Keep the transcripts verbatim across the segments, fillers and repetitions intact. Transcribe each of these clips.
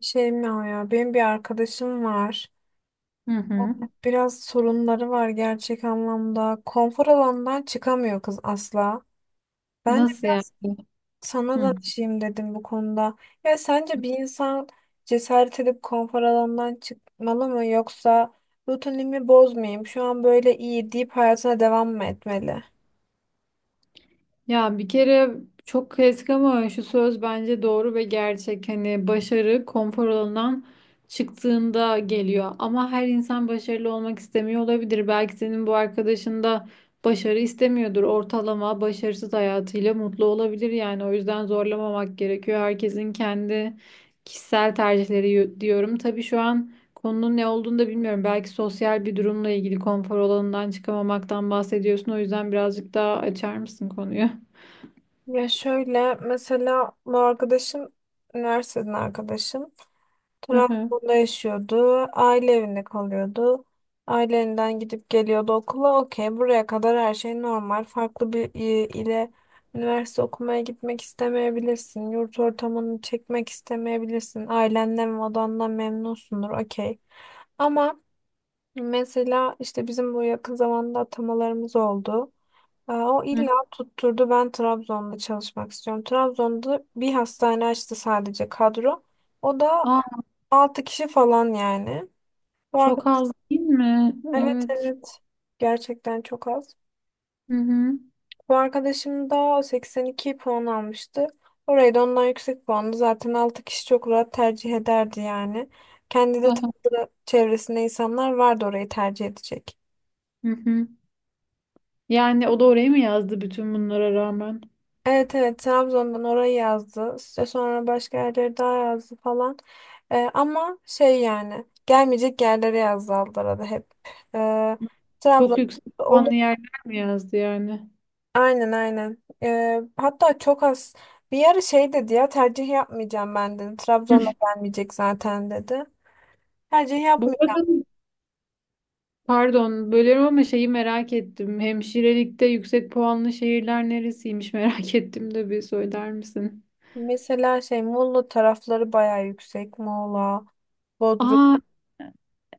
Şey mi o ya? Benim bir arkadaşım var. Hı hı. Biraz sorunları var gerçek anlamda. Konfor alanından çıkamıyor kız asla. Ben de Nasıl yani? biraz sana Hı. danışayım dedim bu konuda. Ya sence bir insan cesaret edip konfor alanından çıkmalı mı yoksa rutinimi bozmayayım, şu an böyle iyi deyip hayatına devam mı etmeli? Ya bir kere çok klasik ama şu söz bence doğru ve gerçek. Hani başarı konfor alanından çıktığında geliyor. Ama her insan başarılı olmak istemiyor olabilir. Belki senin bu arkadaşın da başarı istemiyordur. Ortalama başarısız hayatıyla mutlu olabilir yani. O yüzden zorlamamak gerekiyor. Herkesin kendi kişisel tercihleri yo- diyorum. Tabii şu an konunun ne olduğunu da bilmiyorum. Belki sosyal bir durumla ilgili konfor alanından çıkamamaktan bahsediyorsun. O yüzden birazcık daha açar mısın konuyu? Ya şöyle mesela bu arkadaşım üniversiteden arkadaşım. Hı hı. Trabzon'da yaşıyordu. Aile evinde kalıyordu. Ailelerinden gidip geliyordu okula. Okey, buraya kadar her şey normal. Farklı bir i- ile üniversite okumaya gitmek istemeyebilirsin. Yurt ortamını çekmek istemeyebilirsin. Ailenden ve odandan memnunsundur. Okey. Ama mesela işte bizim bu yakın zamanda atamalarımız oldu. Ee, O Hı. illa tutturdu, ben Trabzon'da çalışmak istiyorum. Trabzon'da bir hastane açtı sadece kadro. O da Aa, altı kişi falan yani. Bu çok arkadaş, az değil mi? evet, Evet. evet, gerçekten çok az. Hı hı. Bu arkadaşım da seksen iki puan almıştı. Orayı da ondan yüksek puanlı. Zaten altı kişi çok rahat tercih ederdi yani. Kendi de Aha. tanıdığı çevresinde insanlar vardı orayı tercih edecek. Hı hı. Yani o da oraya mı yazdı bütün bunlara rağmen? Evet, evet, Trabzon'dan orayı yazdı. İşte sonra başka yerleri daha yazdı falan. Ee, ama şey yani gelmeyecek yerlere yazdı Aldara'da hep. Ee, Trabzon. Çok yüksek puanlı yerler mi yazdı yani? Aynen, aynen. Ee, hatta çok az bir ara şey dedi, ya tercih yapmayacağım ben, dedi. Trabzon'a gelmeyecek zaten, dedi. Tercih Bu yapmayacağım. arada pardon bölüyorum ama şeyi merak ettim. Hemşirelikte yüksek puanlı şehirler neresiymiş merak ettim de bir söyler misin? Mesela şey Muğla tarafları bayağı yüksek. Muğla, Bodrum. Aa,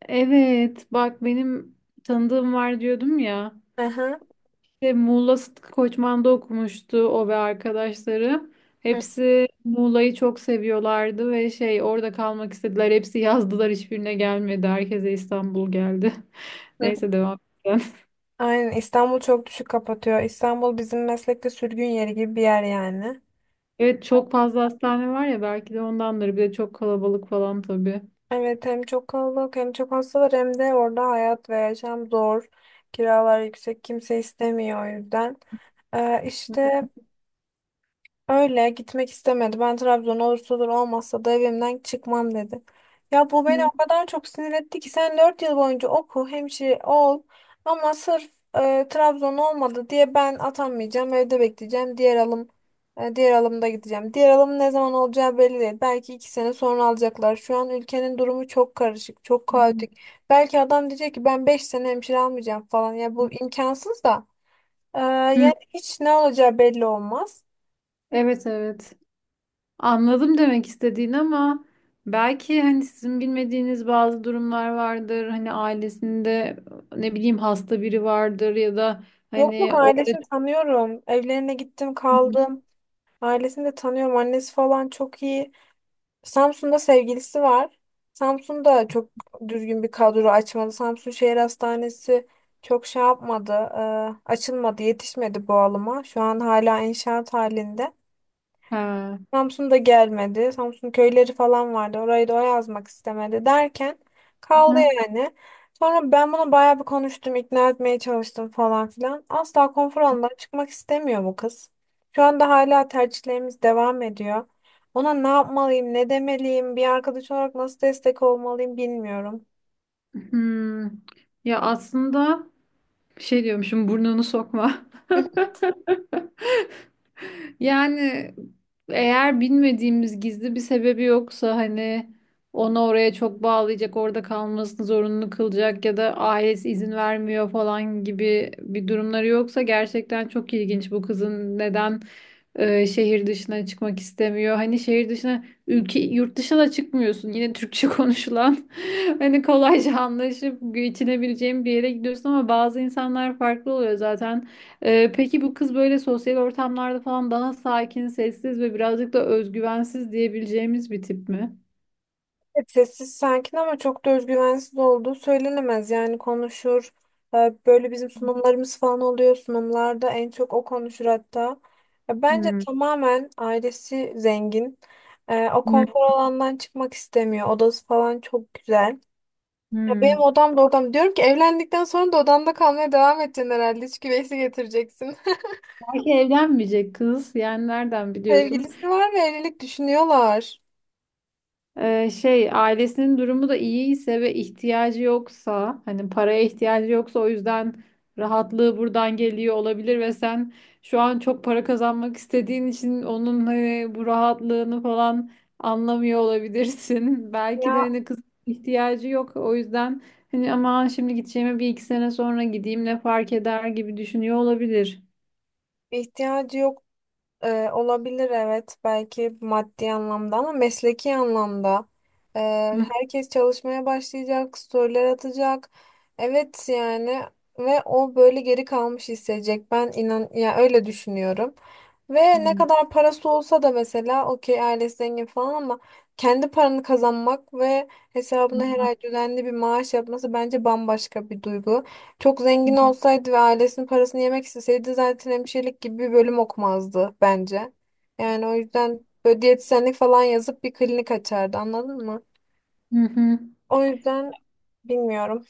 evet bak benim tanıdığım var diyordum ya. Aha. İşte Muğla Sıtkı Koçman'da okumuştu o ve arkadaşları. Hı Hepsi Muğla'yı çok seviyorlardı ve şey orada kalmak istediler. Hepsi yazdılar, hiçbirine gelmedi. Herkese İstanbul geldi. hı. Neyse devam edelim. Aynen, İstanbul çok düşük kapatıyor. İstanbul bizim meslekte sürgün yeri gibi bir yer yani. Evet, çok fazla hastane var ya, belki de ondandır. Bir de çok kalabalık falan tabii. Evet, hem çok kalabalık hem çok hasta var hem de orada hayat ve yaşam zor. Kiralar yüksek, kimse istemiyor o yüzden. Ee, işte öyle gitmek istemedi. Ben Trabzon olursa olur, olmazsa da evimden çıkmam, dedi. Ya bu beni Hı. o kadar çok sinir etti ki, sen dört yıl boyunca oku, hemşire ol, ama sırf e, Trabzon olmadı diye ben atanmayacağım, evde bekleyeceğim. Diğer alım e, diğer alımda gideceğim. Diğer alım ne zaman olacağı belli değil. Belki iki sene sonra alacaklar. Şu an ülkenin durumu çok karışık, çok kaotik. Belki adam diyecek ki ben beş sene hemşire almayacağım falan. Ya bu imkansız da. E, Hı. yani hiç ne olacağı belli olmaz. Evet, evet. Anladım demek istediğini ama belki hani sizin bilmediğiniz bazı durumlar vardır. Hani ailesinde ne bileyim hasta biri vardır ya da Yok, yok, hani o ailesini tanıyorum. Evlerine gittim, kaldım. Ailesini de tanıyorum. Annesi falan çok iyi. Samsun'da sevgilisi var. Samsun'da çok düzgün bir kadro açmadı. Samsun Şehir Hastanesi çok şey yapmadı. e, açılmadı, yetişmedi bu alıma. Şu an hala inşaat halinde. ha. Samsun da gelmedi. Samsun köyleri falan vardı. Orayı da o yazmak istemedi derken kaldı Hı. yani. Sonra ben bunu bayağı bir konuştum, ikna etmeye çalıştım falan filan. Asla konfor alanından çıkmak istemiyor bu kız. Şu anda hala tercihlerimiz devam ediyor. Ona ne yapmalıyım, ne demeliyim, bir arkadaş olarak nasıl destek olmalıyım bilmiyorum. Hmm. Ya aslında şey diyormuşum, burnunu sokma. Yani eğer bilmediğimiz gizli bir sebebi yoksa, hani onu oraya çok bağlayacak, orada kalmasını zorunlu kılacak ya da ailesi izin vermiyor falan gibi bir durumları yoksa, gerçekten çok ilginç bu kızın neden e, şehir dışına çıkmak istemiyor. Hani şehir dışına, ülke yurt dışına da çıkmıyorsun. Yine Türkçe konuşulan hani kolayca anlaşıp geçinebileceğin bir yere gidiyorsun, ama bazı insanlar farklı oluyor zaten. E, peki bu kız böyle sosyal ortamlarda falan daha sakin, sessiz ve birazcık da özgüvensiz diyebileceğimiz bir tip mi? Evet, sessiz sakin ama çok da özgüvensiz olduğu söylenemez. Yani konuşur. Ee, Böyle bizim sunumlarımız falan oluyor. Sunumlarda en çok o konuşur hatta. Ya bence Hmm. tamamen ailesi zengin. Ee, O Hmm. konfor alandan çıkmak istemiyor. Odası falan çok güzel. Ya benim Hmm. odam da odam. Diyorum ki evlendikten sonra da odanda kalmaya devam edeceksin herhalde. Hiç güveysi getireceksin. Belki evlenmeyecek kız. Yani nereden biliyorsun? Sevgilisi var ve evlilik düşünüyorlar. Ee, şey, ailesinin durumu da iyiyse ve ihtiyacı yoksa, hani paraya ihtiyacı yoksa, o yüzden rahatlığı buradan geliyor olabilir ve sen şu an çok para kazanmak istediğin için onun hani bu rahatlığını falan anlamıyor olabilirsin. Belki de Ya hani kız ihtiyacı yok, o yüzden hani aman şimdi gideceğime bir iki sene sonra gideyim, ne fark eder gibi düşünüyor olabilir. ihtiyacı yok. Ee, olabilir, evet, belki maddi anlamda ama mesleki anlamda. Ee, Hı herkes çalışmaya başlayacak, storyler atacak. Evet yani, ve o böyle geri kalmış hissedecek. Ben inan ya öyle düşünüyorum. Ve ne hı. kadar parası olsa da, mesela okey ailesi zengin falan, ama kendi paranı kazanmak ve hesabına her Hı ay düzenli bir maaş yapması bence bambaşka bir duygu. Çok zengin hı. olsaydı ve ailesinin parasını yemek isteseydi zaten hemşirelik gibi bir bölüm okumazdı bence. Yani o yüzden böyle diyetisyenlik falan yazıp bir klinik açardı, anladın mı? Hı hı. O yüzden bilmiyorum.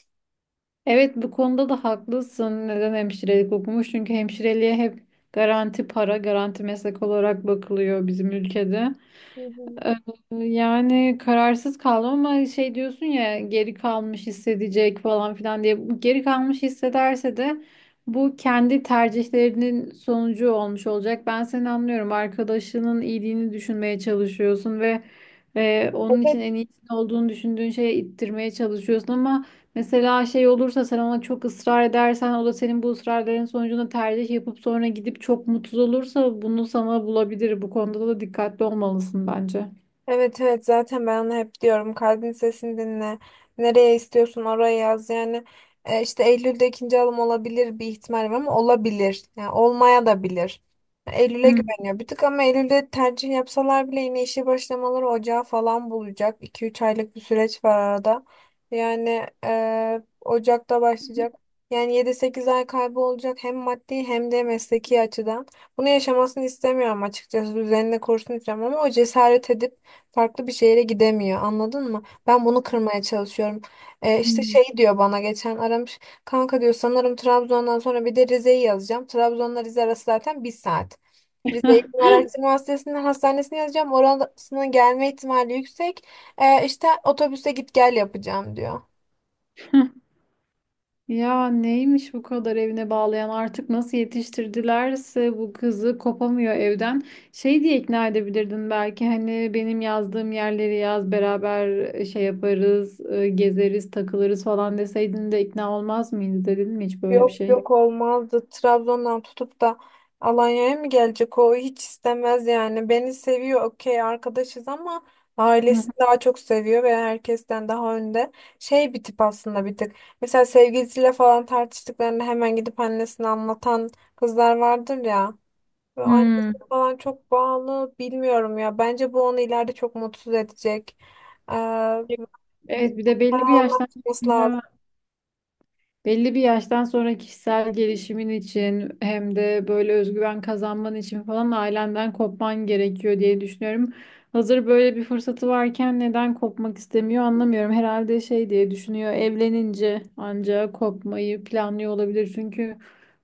Evet, bu konuda da haklısın. Neden hemşirelik okumuş? Çünkü hemşireliğe hep garanti para, garanti meslek olarak bakılıyor bizim ülkede. Hı Ee, Yani kararsız kaldım ama şey diyorsun ya, geri kalmış hissedecek falan filan diye. Bu Geri kalmış hissederse de bu kendi tercihlerinin sonucu olmuş olacak. Ben seni anlıyorum. Arkadaşının iyiliğini düşünmeye çalışıyorsun ve e, onun hı. için en iyisinin olduğunu düşündüğün şeye ittirmeye çalışıyorsun, ama mesela şey olursa, sen ona çok ısrar edersen, o da senin bu ısrarların sonucunda tercih yapıp sonra gidip çok mutsuz olursa bunu sana bulabilir. Bu konuda da dikkatli olmalısın bence. Evet, evet, zaten ben onu hep diyorum, kalbin sesini dinle, nereye istiyorsun oraya yaz yani. e, işte Eylül'de ikinci alım olabilir, bir ihtimal var, ama olabilir yani olmaya da bilir. Eylül'e Hmm. güveniyor bir tık, ama Eylül'de tercih yapsalar bile yine işe başlamaları ocağı falan bulacak, iki üç aylık bir süreç var arada. Yani e, Ocak'ta başlayacak, yani yedi sekiz ay kaybı olacak hem maddi hem de mesleki açıdan. Bunu yaşamasını istemiyorum açıkçası, düzenini kursun istiyorum ama o cesaret edip farklı bir şehre gidemiyor, anladın mı? Ben bunu kırmaya çalışıyorum. E, işte Hmm. şey diyor, bana geçen aramış. Kanka diyor, sanırım Trabzon'dan sonra bir de Rize'yi yazacağım. Trabzon'la Rize arası zaten bir saat. Rize Eğitim Araştırma Hastanesi'nin hastanesine yazacağım. Orasının gelme ihtimali yüksek. Ee, işte otobüse git gel yapacağım, diyor. Ya neymiş bu kadar evine bağlayan, artık nasıl yetiştirdilerse bu kızı, kopamıyor evden. Şey diye ikna edebilirdin belki, hani benim yazdığım yerleri yaz beraber, e, şey yaparız, e, gezeriz takılırız falan deseydin de ikna olmaz mıydı, dedin mi hiç böyle Yok, bir şey? yok, olmazdı. Trabzon'dan tutup da Alanya'ya mı gelecek? O hiç istemez yani. Beni seviyor, okey, arkadaşız ama Hı ailesi hı. daha çok seviyor ve herkesten daha önde. Şey bir tip aslında bir tık. Mesela sevgilisiyle falan tartıştıklarında hemen gidip annesine anlatan kızlar vardır ya. Ve annesi Hmm. falan çok bağlı, bilmiyorum ya. Bence bu onu ileride çok mutsuz edecek. Ee, bu- Evet, bir de Para belli bir olmak. yaştan sonra belli bir yaştan sonra kişisel gelişimin için hem de böyle özgüven kazanman için falan ailenden kopman gerekiyor diye düşünüyorum. Hazır böyle bir fırsatı varken neden kopmak istemiyor anlamıyorum. Herhalde şey diye düşünüyor, evlenince ancak kopmayı planlıyor olabilir. Çünkü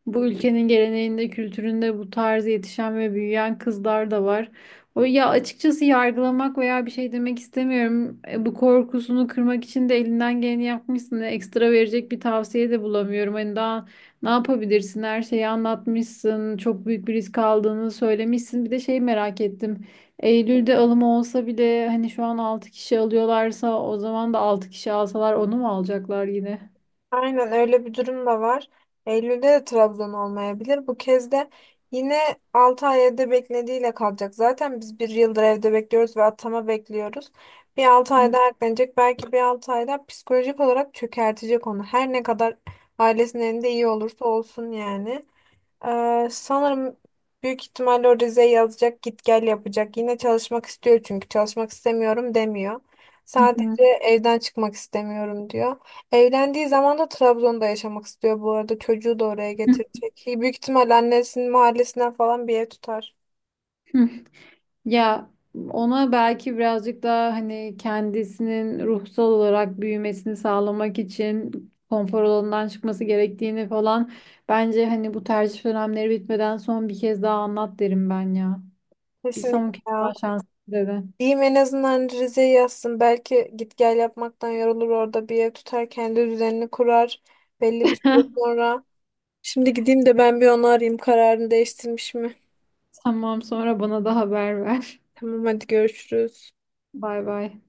bu ülkenin geleneğinde, kültüründe bu tarz yetişen ve büyüyen kızlar da var. O ya, açıkçası yargılamak veya bir şey demek istemiyorum. E, bu korkusunu kırmak için de elinden geleni yapmışsın. E, Ekstra verecek bir tavsiye de bulamıyorum. Hani daha ne yapabilirsin? Her şeyi anlatmışsın. Çok büyük bir risk aldığını söylemişsin. Bir de şey merak ettim. Eylül'de alımı olsa bile, hani şu an altı kişi alıyorlarsa, o zaman da altı kişi alsalar onu mu alacaklar yine? Aynen, öyle bir durum da var. Eylül'de de Trabzon olmayabilir. Bu kez de yine altı ay evde beklediğiyle kalacak. Zaten biz bir yıldır evde bekliyoruz ve atama bekliyoruz. Bir altı ay daha eklenecek. Belki bir altı ay daha psikolojik olarak çökertecek onu. Her ne kadar ailesinin elinde iyi olursa olsun yani. Ee, sanırım büyük ihtimalle o Rize'ye yazacak, git gel yapacak. Yine çalışmak istiyor çünkü çalışmak istemiyorum demiyor. Hı hı. Sadece evden çıkmak istemiyorum diyor. Evlendiği zaman da Trabzon'da yaşamak istiyor bu arada. Çocuğu da oraya getirecek. Büyük ihtimalle annesinin mahallesinden falan bir ev tutar. Ya ona belki birazcık daha hani kendisinin ruhsal olarak büyümesini sağlamak için konfor alanından çıkması gerektiğini falan, bence hani bu tercih dönemleri bitmeden son bir kez daha anlat derim ben ya. Bir Kesinlikle son kez ya. daha şans dedi. Diyeyim en azından Rize'ye yazsın. Belki git gel yapmaktan yorulur, orada bir ev tutar, kendi düzenini kurar belli bir süre sonra. Şimdi gideyim de ben bir onu arayayım, kararını değiştirmiş mi? Tamam, sonra bana da haber ver. Tamam, hadi görüşürüz. Bay bay.